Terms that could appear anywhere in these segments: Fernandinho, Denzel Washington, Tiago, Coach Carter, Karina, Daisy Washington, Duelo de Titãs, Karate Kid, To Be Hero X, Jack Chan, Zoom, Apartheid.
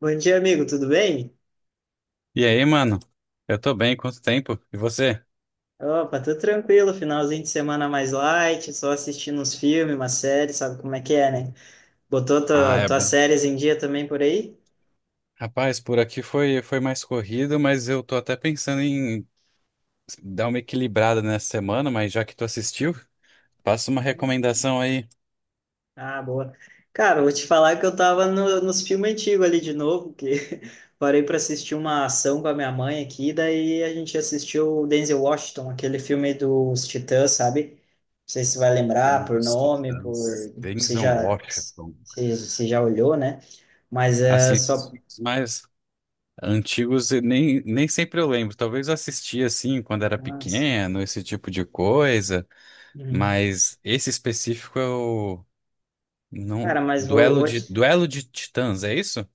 Bom dia, amigo, tudo bem? E aí, mano? Eu tô bem, quanto tempo? E você? Opa, tô tranquilo, finalzinho de semana mais light, só assistindo uns filmes, uma série, sabe como é que é, né? Botou Ah, é tuas bom. séries em dia também por aí? Rapaz, por aqui foi mais corrido, mas eu tô até pensando em dar uma equilibrada nessa semana, mas já que tu assistiu, passa uma Uhum. recomendação aí. Ah, boa. Cara, eu vou te falar que eu tava nos filmes antigos ali de novo, que parei pra assistir uma ação com a minha mãe aqui, daí a gente assistiu o Denzel Washington, aquele filme dos Titãs, sabe? Não sei se vai lembrar Filme por dos nome, por Titãs, Denzel Washington. Se já olhou, né? Mas é Assim, esses só. filmes mais antigos, eu nem sempre eu lembro. Talvez eu assisti assim quando era Ah, sim. pequeno, esse tipo de coisa, Uhum. mas esse específico eu não. Cara, Duelo vou de, te... Duelo de Titãs, é isso?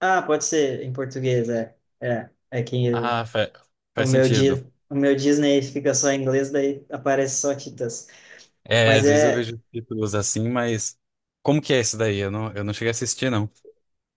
Ah, pode ser em português, é. É que Ah, fa- o Faz meu, sentido. O meu Disney fica só em inglês, daí aparece só Titãs. É, Mas às vezes eu é... vejo títulos assim, mas como que é esse daí? Eu não cheguei a assistir, não.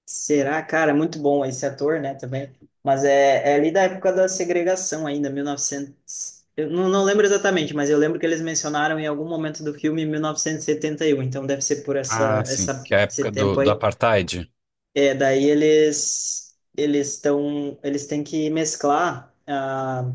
Será, cara, é muito bom esse ator, né, também. Mas é ali da época da segregação ainda, 1900... Eu não lembro exatamente, mas eu lembro que eles mencionaram em algum momento do filme 1971, então deve ser por Ah, sim, que é a esse época do, tempo do aí. Apartheid. É, daí eles estão eles têm que mesclar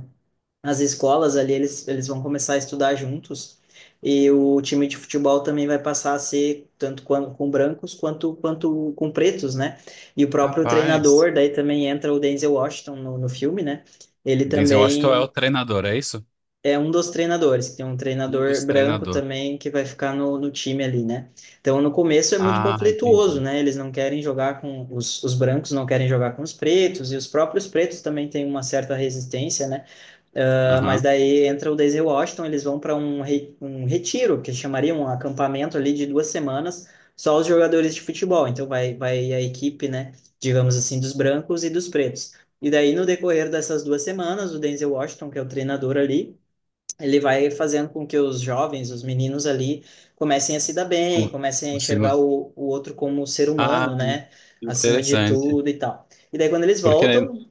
as escolas ali, eles vão começar a estudar juntos e o time de futebol também vai passar a ser tanto com brancos quanto quanto com pretos, né? E o próprio Rapaz, treinador, daí também entra o Denzel Washington no filme, né? Ele o Denzel Washington é o também treinador, é isso? é um dos treinadores, que tem um Um treinador dos branco treinadores. também que vai ficar no time ali, né? Então, no começo é muito Ah, conflituoso, entendi. né? Eles não querem jogar com os brancos, não querem jogar com os pretos, e os próprios pretos também têm uma certa resistência, né? Mas Aham. daí entra o Daisy Washington, eles vão para um retiro, que chamaria um acampamento ali de duas semanas, só os jogadores de futebol. Então, vai a equipe, né? Digamos assim, dos brancos e dos pretos. E daí, no decorrer dessas duas semanas, o Denzel Washington, que é o treinador ali, ele vai fazendo com que os jovens, os meninos ali, comecem a se dar bem, Com- comecem a enxergar Consigo. O outro como ser Ah, humano, né? Acima de interessante. tudo e tal. E daí quando eles Porque, né, voltam,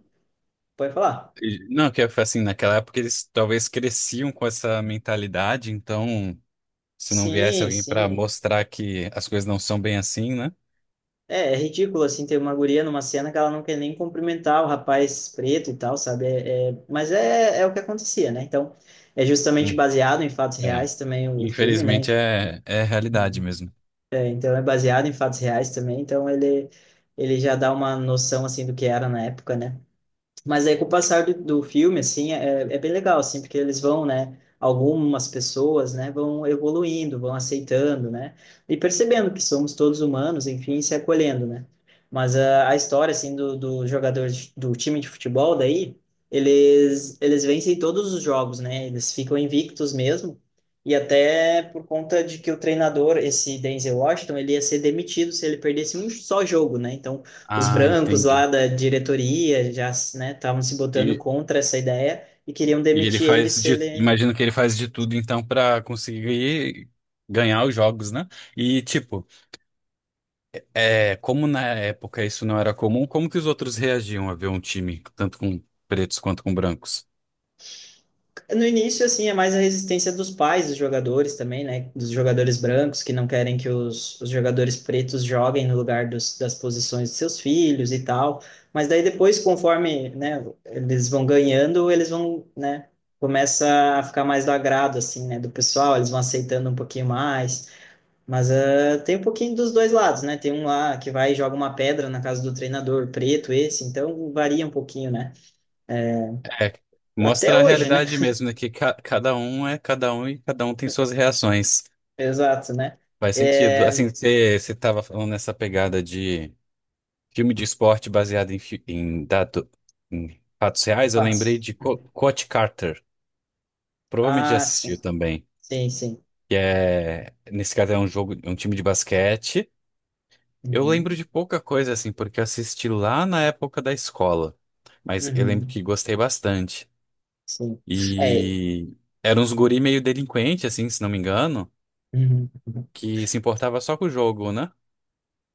pode falar. não, que assim, naquela época eles talvez cresciam com essa mentalidade, então se não viesse Sim, alguém para sim. mostrar que as coisas não são bem assim, né? É, é ridículo, assim, ter uma guria numa cena que ela não quer nem cumprimentar o rapaz preto e tal, sabe? É o que acontecia, né? Então, é justamente Hum. baseado em fatos É. reais também o filme, né? Infelizmente é a realidade mesmo. É, então é baseado em fatos reais também, então ele já dá uma noção assim do que era na época, né? Mas aí com o passar do filme, assim, é bem legal, assim, porque eles vão, né, algumas pessoas, né, vão evoluindo, vão aceitando, né, e percebendo que somos todos humanos, enfim, se acolhendo, né. Mas a história, assim, do jogador do time de futebol daí, eles vencem todos os jogos, né, eles ficam invictos mesmo, e até por conta de que o treinador, esse Denzel Washington, ele ia ser demitido se ele perdesse um só jogo, né, então os Ah, brancos lá entendi. da diretoria já, né, estavam se botando E, contra essa ideia e queriam e ele demitir ele faz se de, ele... imagino que ele faz de tudo então para conseguir ganhar os jogos, né? E tipo, é, como na época isso não era comum, como que os outros reagiam a ver um time tanto com pretos quanto com brancos? No início, assim, é mais a resistência dos pais dos jogadores também, né, dos jogadores brancos que não querem que os jogadores pretos joguem no lugar das posições de seus filhos e tal. Mas daí depois, conforme, né, eles vão ganhando, eles vão, né, começa a ficar mais do agrado, assim, né, do pessoal, eles vão aceitando um pouquinho mais. Mas tem um pouquinho dos dois lados, né? Tem um lá que vai e joga uma pedra na casa do treinador, preto esse, então varia um pouquinho, né? É, Até mostra a hoje, né? realidade mesmo, né? Que cada um é cada um e cada um tem suas reações. Exato, né? Faz sentido. É... Assim, você estava falando nessa pegada de filme de esporte baseado em fatos reais, eu lembrei Fatos. de Uhum. Coach Carter. Provavelmente já Ah, assistiu sim. também. Sim, sim. Que é, nesse caso é um jogo, é um time de basquete. Eu lembro Uhum. de pouca coisa assim, porque eu assisti lá na época da escola. Mas eu lembro Uhum. que gostei bastante. Sim. É. E eram uns guri meio delinquente, assim, se não me engano, Uhum. que se importava só com o jogo, né?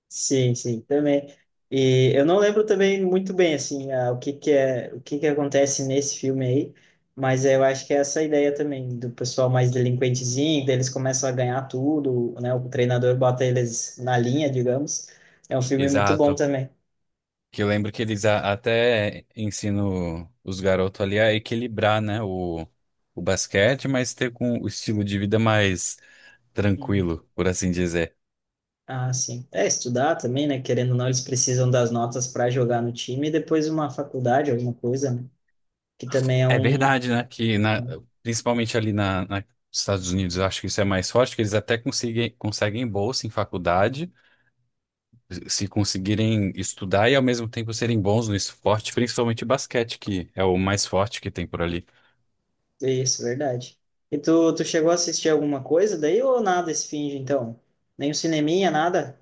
Sim, sim, também. E eu não lembro também muito bem assim o que que é o que que acontece nesse filme aí, mas eu acho que é essa ideia também do pessoal mais delinquentezinho, daí eles começam a ganhar tudo, né? O treinador bota eles na linha, digamos. É um filme muito bom Exato. também. Que eu lembro que até ensinam os garotos ali a equilibrar, né, o basquete, mas ter com o estilo de vida mais Hum. tranquilo, por assim dizer. Ah, sim. É estudar também, né? Querendo ou não, eles precisam das notas para jogar no time e depois uma faculdade, alguma coisa, né? Que também é É um... verdade, né, principalmente ali nos Estados Unidos, eu acho que isso é mais forte, que eles até conseguem bolsa em faculdade, se conseguirem estudar e ao mesmo tempo serem bons no esporte, principalmente basquete, que é o mais forte que tem por ali. Isso, verdade. E tu chegou a assistir alguma coisa daí ou nada esse fim de então? Nem um cineminha, nada?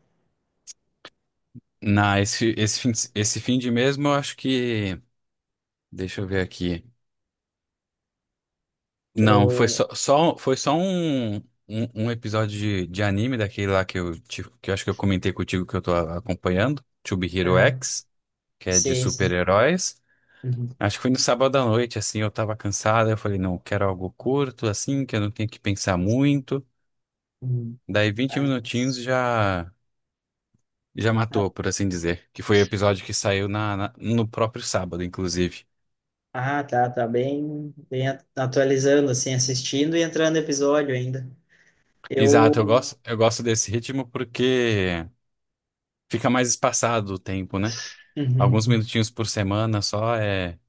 Na, esse, esse fim de mesmo, eu acho que, deixa eu ver aqui. Que Não, foi eu... só, só- foi só um episódio de anime daquele lá que eu acho que eu comentei contigo que eu tô acompanhando, To Be Hero Aham. X, que é de Sim, sim. super-heróis. Uhum. Acho que foi no sábado à noite, assim, eu tava cansado, eu falei, não, eu quero algo curto, assim, que eu não tenho que pensar muito. Uhum. Daí vinte Ah, minutinhos sim. já Ah, matou, por assim dizer, que foi o episódio que saiu no próprio sábado, inclusive. ah, tá, tá bem, atualizando, assim, assistindo e entrando episódio ainda. Eu... Exato, eu Uhum. gosto, eu gosto desse ritmo porque fica mais espaçado o tempo, né? Alguns Uhum. minutinhos por semana só é,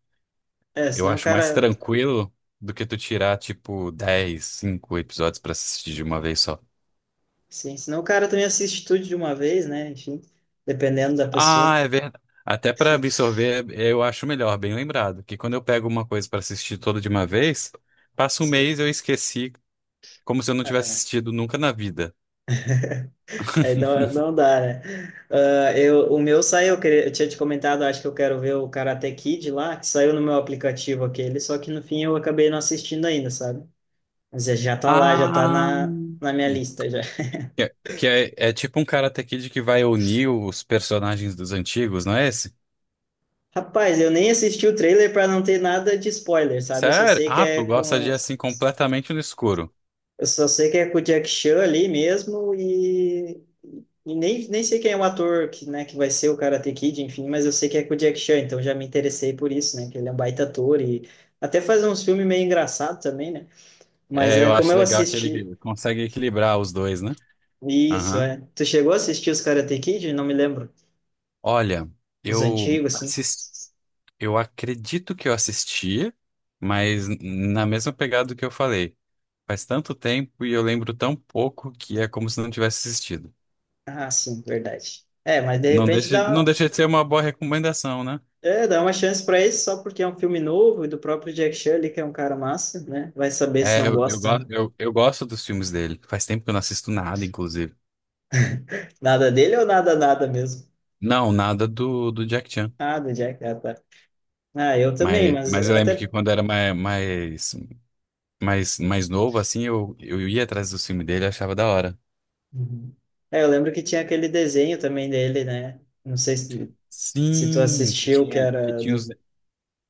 É, eu senão o acho mais cara... tranquilo do que tu tirar, tipo, 10 5 episódios pra assistir de uma vez só. Sim, senão o cara também assiste tudo de uma vez, né? Enfim, dependendo da pessoa. Ah, é verdade. Até pra absorver, eu acho melhor, bem lembrado, que quando eu pego uma coisa pra assistir toda de uma vez, passa um mês eu esqueci, como se eu não tivesse assistido nunca na vida. Aí não, não dá, né? Ah, eu, o meu saiu, eu tinha te comentado, acho que eu quero ver o Karate Kid lá, que saiu no meu aplicativo aquele, só que no fim eu acabei não assistindo ainda, sabe? Mas já já tá lá, já tá Ah, na minha lista já. que é, que é tipo um Karate Kid que vai unir os personagens dos antigos, não é esse? Rapaz, eu nem assisti o trailer pra não ter nada de spoiler, sabe? Eu só Sério? sei que Ah, tu é gosta com. de assim completamente no escuro. Eu só sei que é com o Jack Chan ali mesmo e nem, nem sei quem é o ator que, né, que vai ser o Karate Kid, enfim, mas eu sei que é com o Jack Chan, então já me interessei por isso, né, que ele é um baita ator e até faz uns filmes meio engraçados também, né? Mas É, é eu como acho eu legal que assisti. ele consegue equilibrar os dois, né? Isso, Aham. é. Tu chegou a assistir os Karate Kid? Não me lembro. Olha, Os eu antigos, assim? assisti, eu acredito que eu assistia, mas na mesma pegada que eu falei. Faz tanto tempo e eu lembro tão pouco que é como se não tivesse assistido. Ah, sim, verdade. É, mas de Não repente deixa, não dá, deixa de ser uma boa recomendação, né? é, dá uma chance para esse só porque é um filme novo e do próprio Jack Chan ali, que é um cara massa, né? Vai saber se É, não eu, eu, gosta, né? go- eu, eu gosto dos filmes dele. Faz tempo que eu não assisto nada, inclusive. Nada dele ou nada, nada mesmo? Não, nada do Jack Chan. Ah, do Jack, ah, tá. Ah, eu também, mas Mas eu lembro até. que quando era mais novo, assim, eu ia atrás do filme dele e achava da hora. Uhum. É, eu lembro que tinha aquele desenho também dele, né? Não sei se, se tu Sim, que assistiu, que tinha, que era tinha os,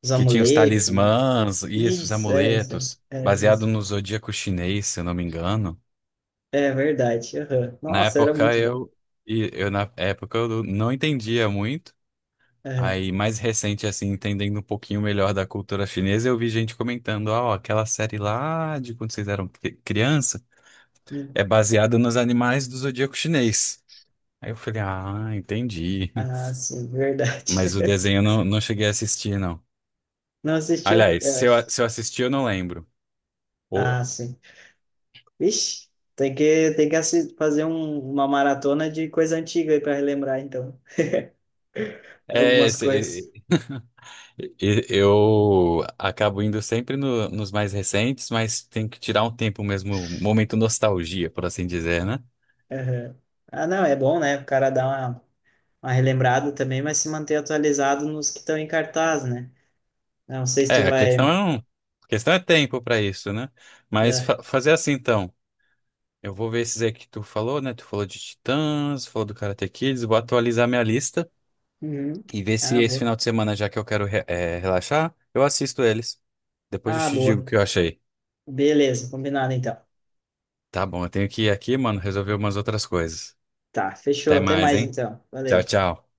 dos que tinha os amuletos, né? talismãs, isso, os Isso, é, isso. Amuletos, baseado Isso. no zodíaco chinês, se eu não me engano. É verdade. Aham. Na Nossa, era época muito bom. eu, e eu na época eu não entendia muito. Aham. Aí, mais recente, assim, entendendo um pouquinho melhor da cultura chinesa, eu vi gente comentando, ah, ó, aquela série lá de quando vocês eram criança Hum. é baseada nos animais do zodíaco chinês. Aí eu falei, ah, entendi. Ah, sim, verdade. Mas o desenho eu não cheguei a assistir, não. Não assistiu? Aliás, Eu se eu, acho. se eu assisti, eu não lembro. O- Ah, sim. Vixe, tem que fazer uma maratona de coisa antiga aí para relembrar, então, de é, algumas se- coisas. e- eu acabo indo sempre nos mais recentes, mas tem que tirar um tempo mesmo, um momento nostalgia, por assim dizer, né? Aham. Ah, não, é bom, né? O cara dar uma relembrada também, mas se manter atualizado nos que estão em cartaz, né? Não sei se tu É, a questão vai. é, um, a questão é tempo pra isso, né? Mas É. Fazer assim, então. Eu vou ver esses aí que tu falou, né? Tu falou de Titãs, falou do Karate Kids, vou atualizar minha lista. Uhum. E ver se Ah, esse boa. final de semana, já que eu quero relaxar, eu assisto eles. Depois eu Ah, te digo o boa. que eu achei. Beleza, combinado então. Tá bom, eu tenho que ir aqui, mano, resolver umas outras coisas. Tá, fechou. Até Até mais, mais hein? então. Tchau, Valeu. tchau.